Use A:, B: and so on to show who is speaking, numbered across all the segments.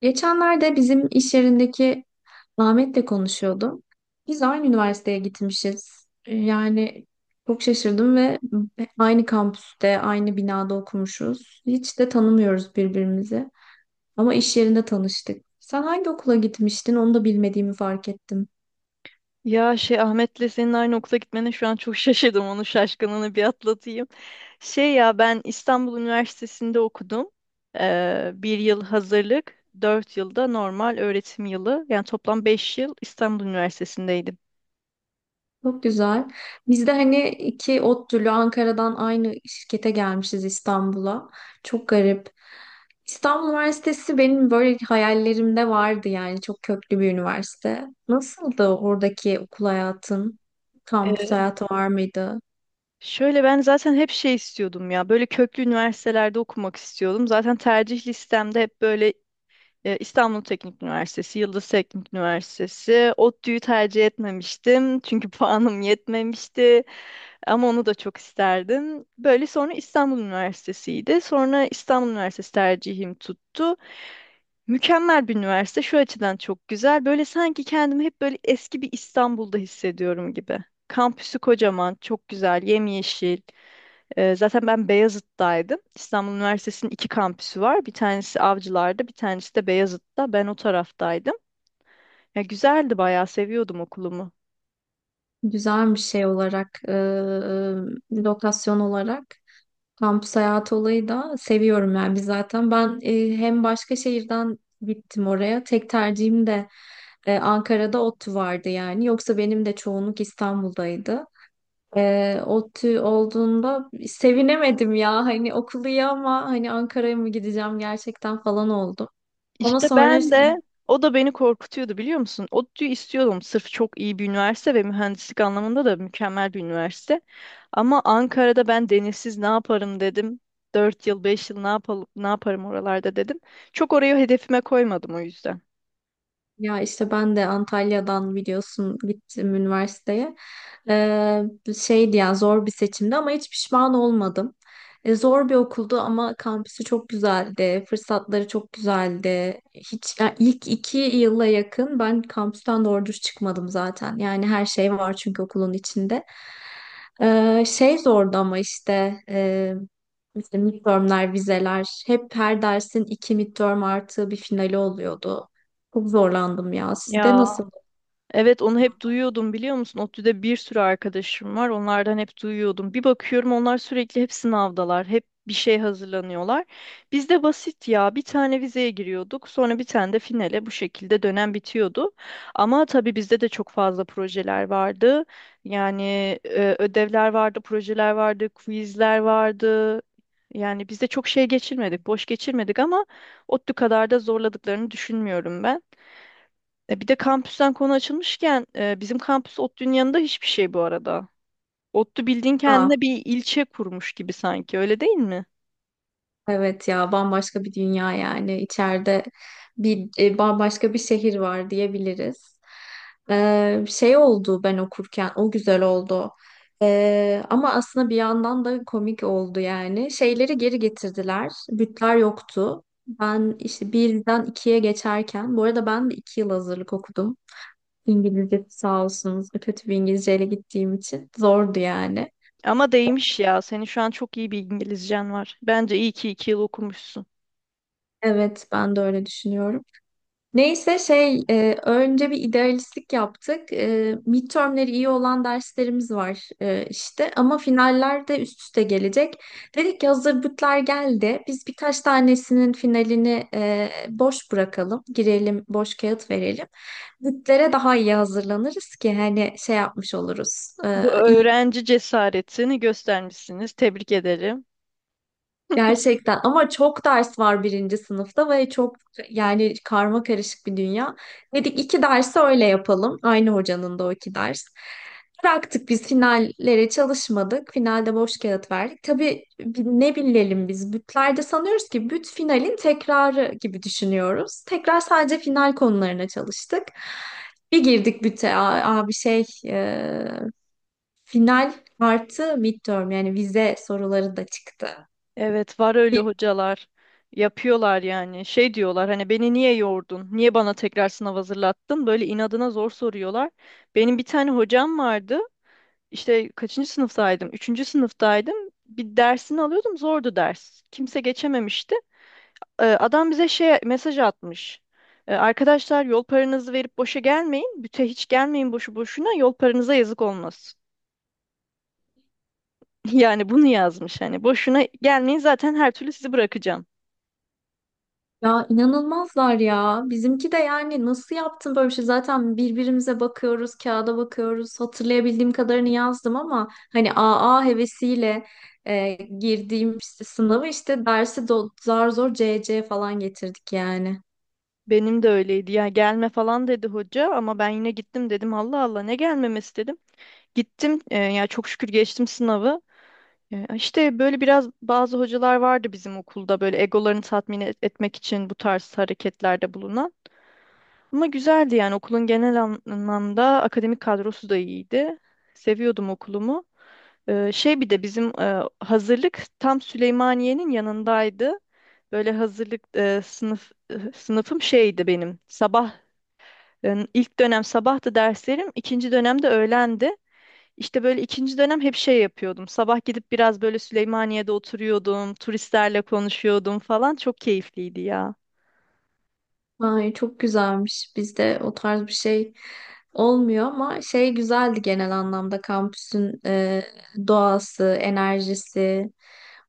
A: Geçenlerde bizim iş yerindeki Ahmet'le konuşuyordum. Biz aynı üniversiteye gitmişiz. Yani çok şaşırdım ve aynı kampüste, aynı binada okumuşuz. Hiç de tanımıyoruz birbirimizi. Ama iş yerinde tanıştık. Sen hangi okula gitmiştin? Onu da bilmediğimi fark ettim.
B: Ya şey Ahmet'le senin aynı okula gitmene şu an çok şaşırdım. Onun şaşkınlığını bir atlatayım. Şey ya ben İstanbul Üniversitesi'nde okudum. Bir yıl hazırlık, 4 yılda normal öğretim yılı. Yani toplam 5 yıl İstanbul Üniversitesi'ndeydim.
A: Çok güzel. Biz de hani iki ODTÜ'lü Ankara'dan aynı şirkete gelmişiz İstanbul'a. Çok garip. İstanbul Üniversitesi benim böyle hayallerimde vardı yani çok köklü bir üniversite. Nasıldı oradaki okul hayatın? Kampüs
B: Ee,
A: hayatı var mıydı?
B: Şöyle ben zaten hep şey istiyordum ya. Böyle köklü üniversitelerde okumak istiyordum. Zaten tercih listemde hep böyle İstanbul Teknik Üniversitesi, Yıldız Teknik Üniversitesi. ODTÜ'yü tercih etmemiştim. Çünkü puanım yetmemişti. Ama onu da çok isterdim. Böyle sonra İstanbul Üniversitesi'ydi. Sonra İstanbul Üniversitesi tercihim tuttu. Mükemmel bir üniversite. Şu açıdan çok güzel. Böyle sanki kendimi hep böyle eski bir İstanbul'da hissediyorum gibi. Kampüsü kocaman, çok güzel, yemyeşil. Zaten ben Beyazıt'taydım. İstanbul Üniversitesi'nin iki kampüsü var. Bir tanesi Avcılar'da, bir tanesi de Beyazıt'ta. Ben o taraftaydım. Ya güzeldi bayağı, seviyordum okulumu.
A: Güzel bir şey olarak, lokasyon olarak. Kampüs hayatı olayı da seviyorum yani biz zaten ben hem başka şehirden gittim oraya, tek tercihim de Ankara'da ODTÜ vardı yani yoksa benim de çoğunluk İstanbul'daydı. ODTÜ olduğunda sevinemedim ya, hani okulu iyi ama hani Ankara'ya mı gideceğim gerçekten falan oldum. Ama
B: İşte
A: sonra.
B: ben de o da beni korkutuyordu biliyor musun? ODTÜ'yü istiyordum sırf çok iyi bir üniversite ve mühendislik anlamında da mükemmel bir üniversite. Ama Ankara'da ben denizsiz ne yaparım dedim. Dört yıl 5 yıl ne yapalım ne yaparım oralarda dedim. Çok orayı hedefime koymadım o yüzden.
A: Ya işte ben de Antalya'dan biliyorsun gittim üniversiteye. Ee, şeydi yani, zor bir seçimdi ama hiç pişman olmadım. Zor bir okuldu ama kampüsü çok güzeldi. Fırsatları çok güzeldi. Hiç yani ilk iki yıla yakın ben kampüsten doğru düz çıkmadım zaten. Yani her şey var çünkü okulun içinde. Şey zordu ama işte işte midtermler, vizeler, hep her dersin iki midterm artı bir finali oluyordu. Çok zorlandım ya. Sizde
B: Ya
A: nasıl?
B: evet onu hep duyuyordum biliyor musun? ODTÜ'de bir sürü arkadaşım var. Onlardan hep duyuyordum. Bir bakıyorum onlar sürekli hep sınavdalar. Hep bir şey hazırlanıyorlar. Bizde basit ya. Bir tane vizeye giriyorduk. Sonra bir tane de finale bu şekilde dönem bitiyordu. Ama tabii bizde de çok fazla projeler vardı. Yani ödevler vardı, projeler vardı, quizler vardı. Yani bizde çok şey geçirmedik, boş geçirmedik ama ODTÜ kadar da zorladıklarını düşünmüyorum ben. Bir de kampüsten konu açılmışken bizim kampüs ODTÜ'nün yanında hiçbir şey bu arada. ODTÜ bildiğin
A: Aa,
B: kendine bir ilçe kurmuş gibi sanki öyle değil mi?
A: evet ya, bambaşka bir dünya yani. İçeride bir bambaşka bir şehir var diyebiliriz. Şey oldu, ben okurken o güzel oldu. Ama aslında bir yandan da komik oldu yani. Şeyleri geri getirdiler. Bütler yoktu. Ben işte birden ikiye geçerken, bu arada ben de iki yıl hazırlık okudum. İngilizce, sağ olsunuz. Kötü bir İngilizceyle gittiğim için zordu yani.
B: Ama değmiş ya. Senin şu an çok iyi bir İngilizcen var. Bence iyi ki 2 yıl okumuşsun.
A: Evet, ben de öyle düşünüyorum. Neyse şey önce bir idealistlik yaptık. Midtermleri iyi olan derslerimiz var işte ama finaller de üst üste gelecek. Dedik ki hazır bütler geldi. Biz birkaç tanesinin finalini boş bırakalım. Girelim, boş kağıt verelim. Bütlere daha iyi hazırlanırız ki hani şey yapmış oluruz. E,
B: Bu
A: iyi
B: öğrenci cesaretini göstermişsiniz. Tebrik ederim.
A: Gerçekten ama çok ders var birinci sınıfta ve çok, yani karma karışık bir dünya. Dedik iki dersi öyle yapalım. Aynı hocanın da o iki ders. Bıraktık, biz finallere çalışmadık. Finalde boş kağıt verdik. Tabii ne bilelim biz, bütlerde sanıyoruz ki büt finalin tekrarı gibi düşünüyoruz. Tekrar sadece final konularına çalıştık. Bir girdik büte, abi şey final artı midterm, yani vize soruları da çıktı.
B: Evet var öyle hocalar. Yapıyorlar yani. Şey diyorlar hani beni niye yordun? Niye bana tekrar sınav hazırlattın? Böyle inadına zor soruyorlar. Benim bir tane hocam vardı. İşte kaçıncı sınıftaydım? Üçüncü sınıftaydım. Bir dersini alıyordum. Zordu ders. Kimse geçememişti. Adam bize şey mesaj atmış. Arkadaşlar yol paranızı verip boşa gelmeyin. Büte hiç gelmeyin boşu boşuna. Yol paranıza yazık olmasın. Yani bunu yazmış hani. Boşuna gelmeyin zaten her türlü sizi bırakacağım.
A: Ya inanılmazlar ya. Bizimki de yani nasıl yaptın böyle bir şey? Zaten birbirimize bakıyoruz, kağıda bakıyoruz. Hatırlayabildiğim kadarını yazdım ama hani AA hevesiyle e, girdiğim işte sınavı, işte dersi zar zor CC falan getirdik yani.
B: Benim de öyleydi ya gelme falan dedi hoca ama ben yine gittim dedim Allah Allah ne gelmemesi dedim. Gittim ya çok şükür geçtim sınavı. Ya İşte böyle biraz bazı hocalar vardı bizim okulda böyle egolarını tatmin etmek için bu tarz hareketlerde bulunan. Ama güzeldi yani okulun genel anlamda akademik kadrosu da iyiydi. Seviyordum okulumu. Şey bir de bizim hazırlık tam Süleymaniye'nin yanındaydı. Böyle hazırlık sınıfım şeydi benim. İlk dönem sabahtı derslerim, ikinci dönemde öğlendi. İşte böyle ikinci dönem hep şey yapıyordum. Sabah gidip biraz böyle Süleymaniye'de oturuyordum, turistlerle konuşuyordum falan. Çok keyifliydi ya.
A: Ay çok güzelmiş. Bizde o tarz bir şey olmuyor ama şey, güzeldi genel anlamda kampüsün doğası, enerjisi.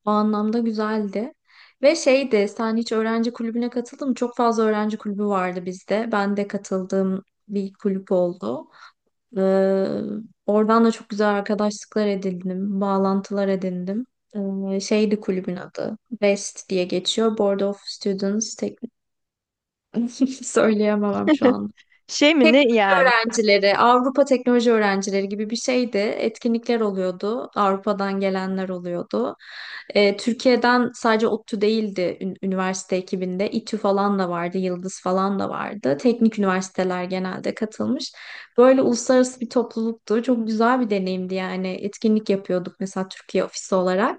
A: O anlamda güzeldi. Ve şeydi, sen hiç öğrenci kulübüne katıldın mı? Çok fazla öğrenci kulübü vardı bizde. Ben de katıldığım bir kulüp oldu. Ee, oradan da çok güzel arkadaşlıklar edindim, bağlantılar edindim. Şeydi kulübün adı. West diye geçiyor. Board of Students. Söyleyemem şu anda.
B: Şey mi ne yani?
A: Öğrencileri, Avrupa teknoloji öğrencileri gibi bir şeydi. Etkinlikler oluyordu. Avrupa'dan gelenler oluyordu. Türkiye'den sadece ODTÜ değildi üniversite ekibinde. İTÜ falan da vardı, Yıldız falan da vardı. Teknik üniversiteler genelde katılmış. Böyle uluslararası bir topluluktu. Çok güzel bir deneyimdi yani. Etkinlik yapıyorduk mesela Türkiye ofisi olarak.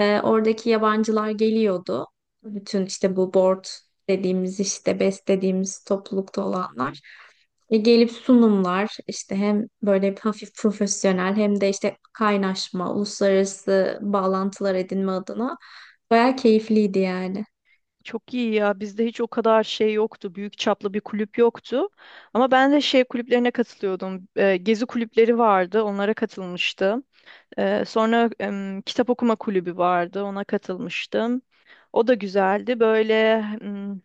A: Oradaki yabancılar geliyordu. Bütün işte bu board dediğimiz, işte BES dediğimiz toplulukta olanlar. Gelip sunumlar, işte hem böyle hafif profesyonel hem de işte kaynaşma, uluslararası bağlantılar edinme adına bayağı keyifliydi yani.
B: Çok iyi ya. Bizde hiç o kadar şey yoktu. Büyük çaplı bir kulüp yoktu. Ama ben de şey kulüplerine katılıyordum. Gezi kulüpleri vardı. Onlara katılmıştım. Sonra kitap okuma kulübü vardı, ona katılmıştım. O da güzeldi. Böyle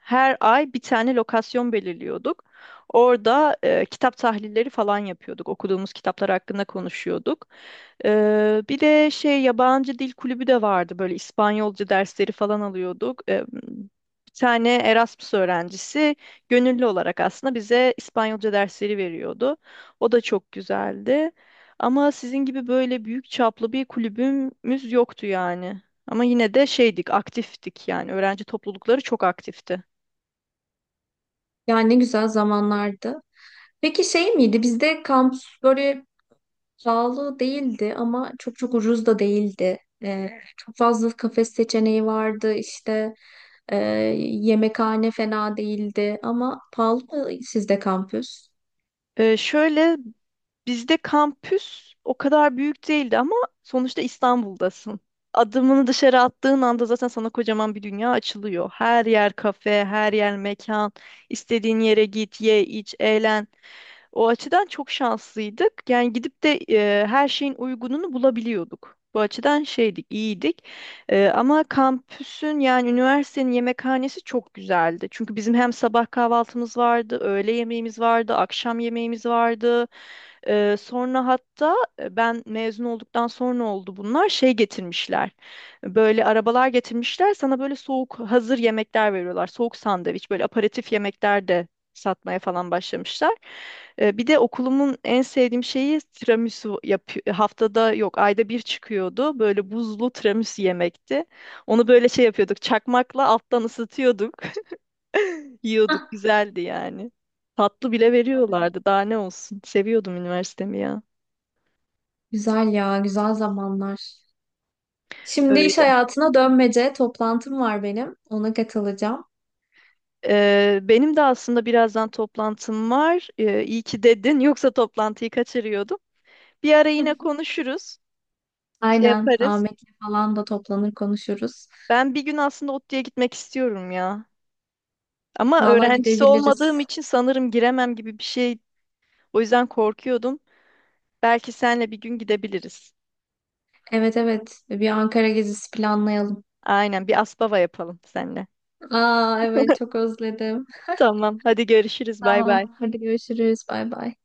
B: her ay bir tane lokasyon belirliyorduk. Orada kitap tahlilleri falan yapıyorduk. Okuduğumuz kitaplar hakkında konuşuyorduk. Bir de şey yabancı dil kulübü de vardı. Böyle İspanyolca dersleri falan alıyorduk. Bir tane Erasmus öğrencisi gönüllü olarak aslında bize İspanyolca dersleri veriyordu. O da çok güzeldi. Ama sizin gibi böyle büyük çaplı bir kulübümüz yoktu yani. Ama yine de şeydik, aktiftik yani. Öğrenci toplulukları çok aktifti.
A: Yani ne güzel zamanlardı. Peki şey miydi, bizde kampüs böyle pahalı değildi ama çok çok ucuz da değildi. Çok fazla kafe seçeneği vardı, işte e, yemekhane fena değildi ama pahalı mı sizde kampüs?
B: Şöyle bizde kampüs o kadar büyük değildi ama sonuçta İstanbul'dasın. Adımını dışarı attığın anda zaten sana kocaman bir dünya açılıyor. Her yer kafe, her yer mekan. İstediğin yere git, ye, iç, eğlen. O açıdan çok şanslıydık. Yani gidip de her şeyin uygununu bulabiliyorduk. Bu açıdan şeydik, iyiydik. Ama kampüsün yani üniversitenin yemekhanesi çok güzeldi. Çünkü bizim hem sabah kahvaltımız vardı, öğle yemeğimiz vardı, akşam yemeğimiz vardı. Sonra hatta ben mezun olduktan sonra oldu bunlar şey getirmişler. Böyle arabalar getirmişler sana böyle soğuk hazır yemekler veriyorlar. Soğuk sandviç böyle aperatif yemekler de satmaya falan başlamışlar. Bir de okulumun en sevdiğim şeyi tiramisu yapıyor. Haftada yok ayda bir çıkıyordu. Böyle buzlu tiramisu yemekti. Onu böyle şey yapıyorduk çakmakla alttan ısıtıyorduk.
A: Hah,
B: Yiyorduk güzeldi yani. Tatlı bile veriyorlardı. Daha ne olsun. Seviyordum üniversitemi ya.
A: güzel ya, güzel zamanlar. Şimdi iş
B: Öyle.
A: hayatına dönmece, toplantım var benim. Ona katılacağım.
B: Benim de aslında birazdan toplantım var. İyi ki dedin. Yoksa toplantıyı kaçırıyordum. Bir ara yine konuşuruz. Şey
A: Aynen.
B: yaparız.
A: Ahmet'le falan da toplanır konuşuruz.
B: Ben bir gün aslında ODTÜ'ye gitmek istiyorum ya. Ama
A: Valla
B: öğrencisi
A: gidebiliriz.
B: olmadığım için sanırım giremem gibi bir şey. O yüzden korkuyordum. Belki senle bir gün gidebiliriz.
A: Evet, evet. Bir Ankara gezisi planlayalım.
B: Aynen bir aspava yapalım seninle.
A: Aa, evet çok özledim.
B: Tamam. Hadi görüşürüz. Bay bay.
A: Tamam. Hadi görüşürüz. Bay bay.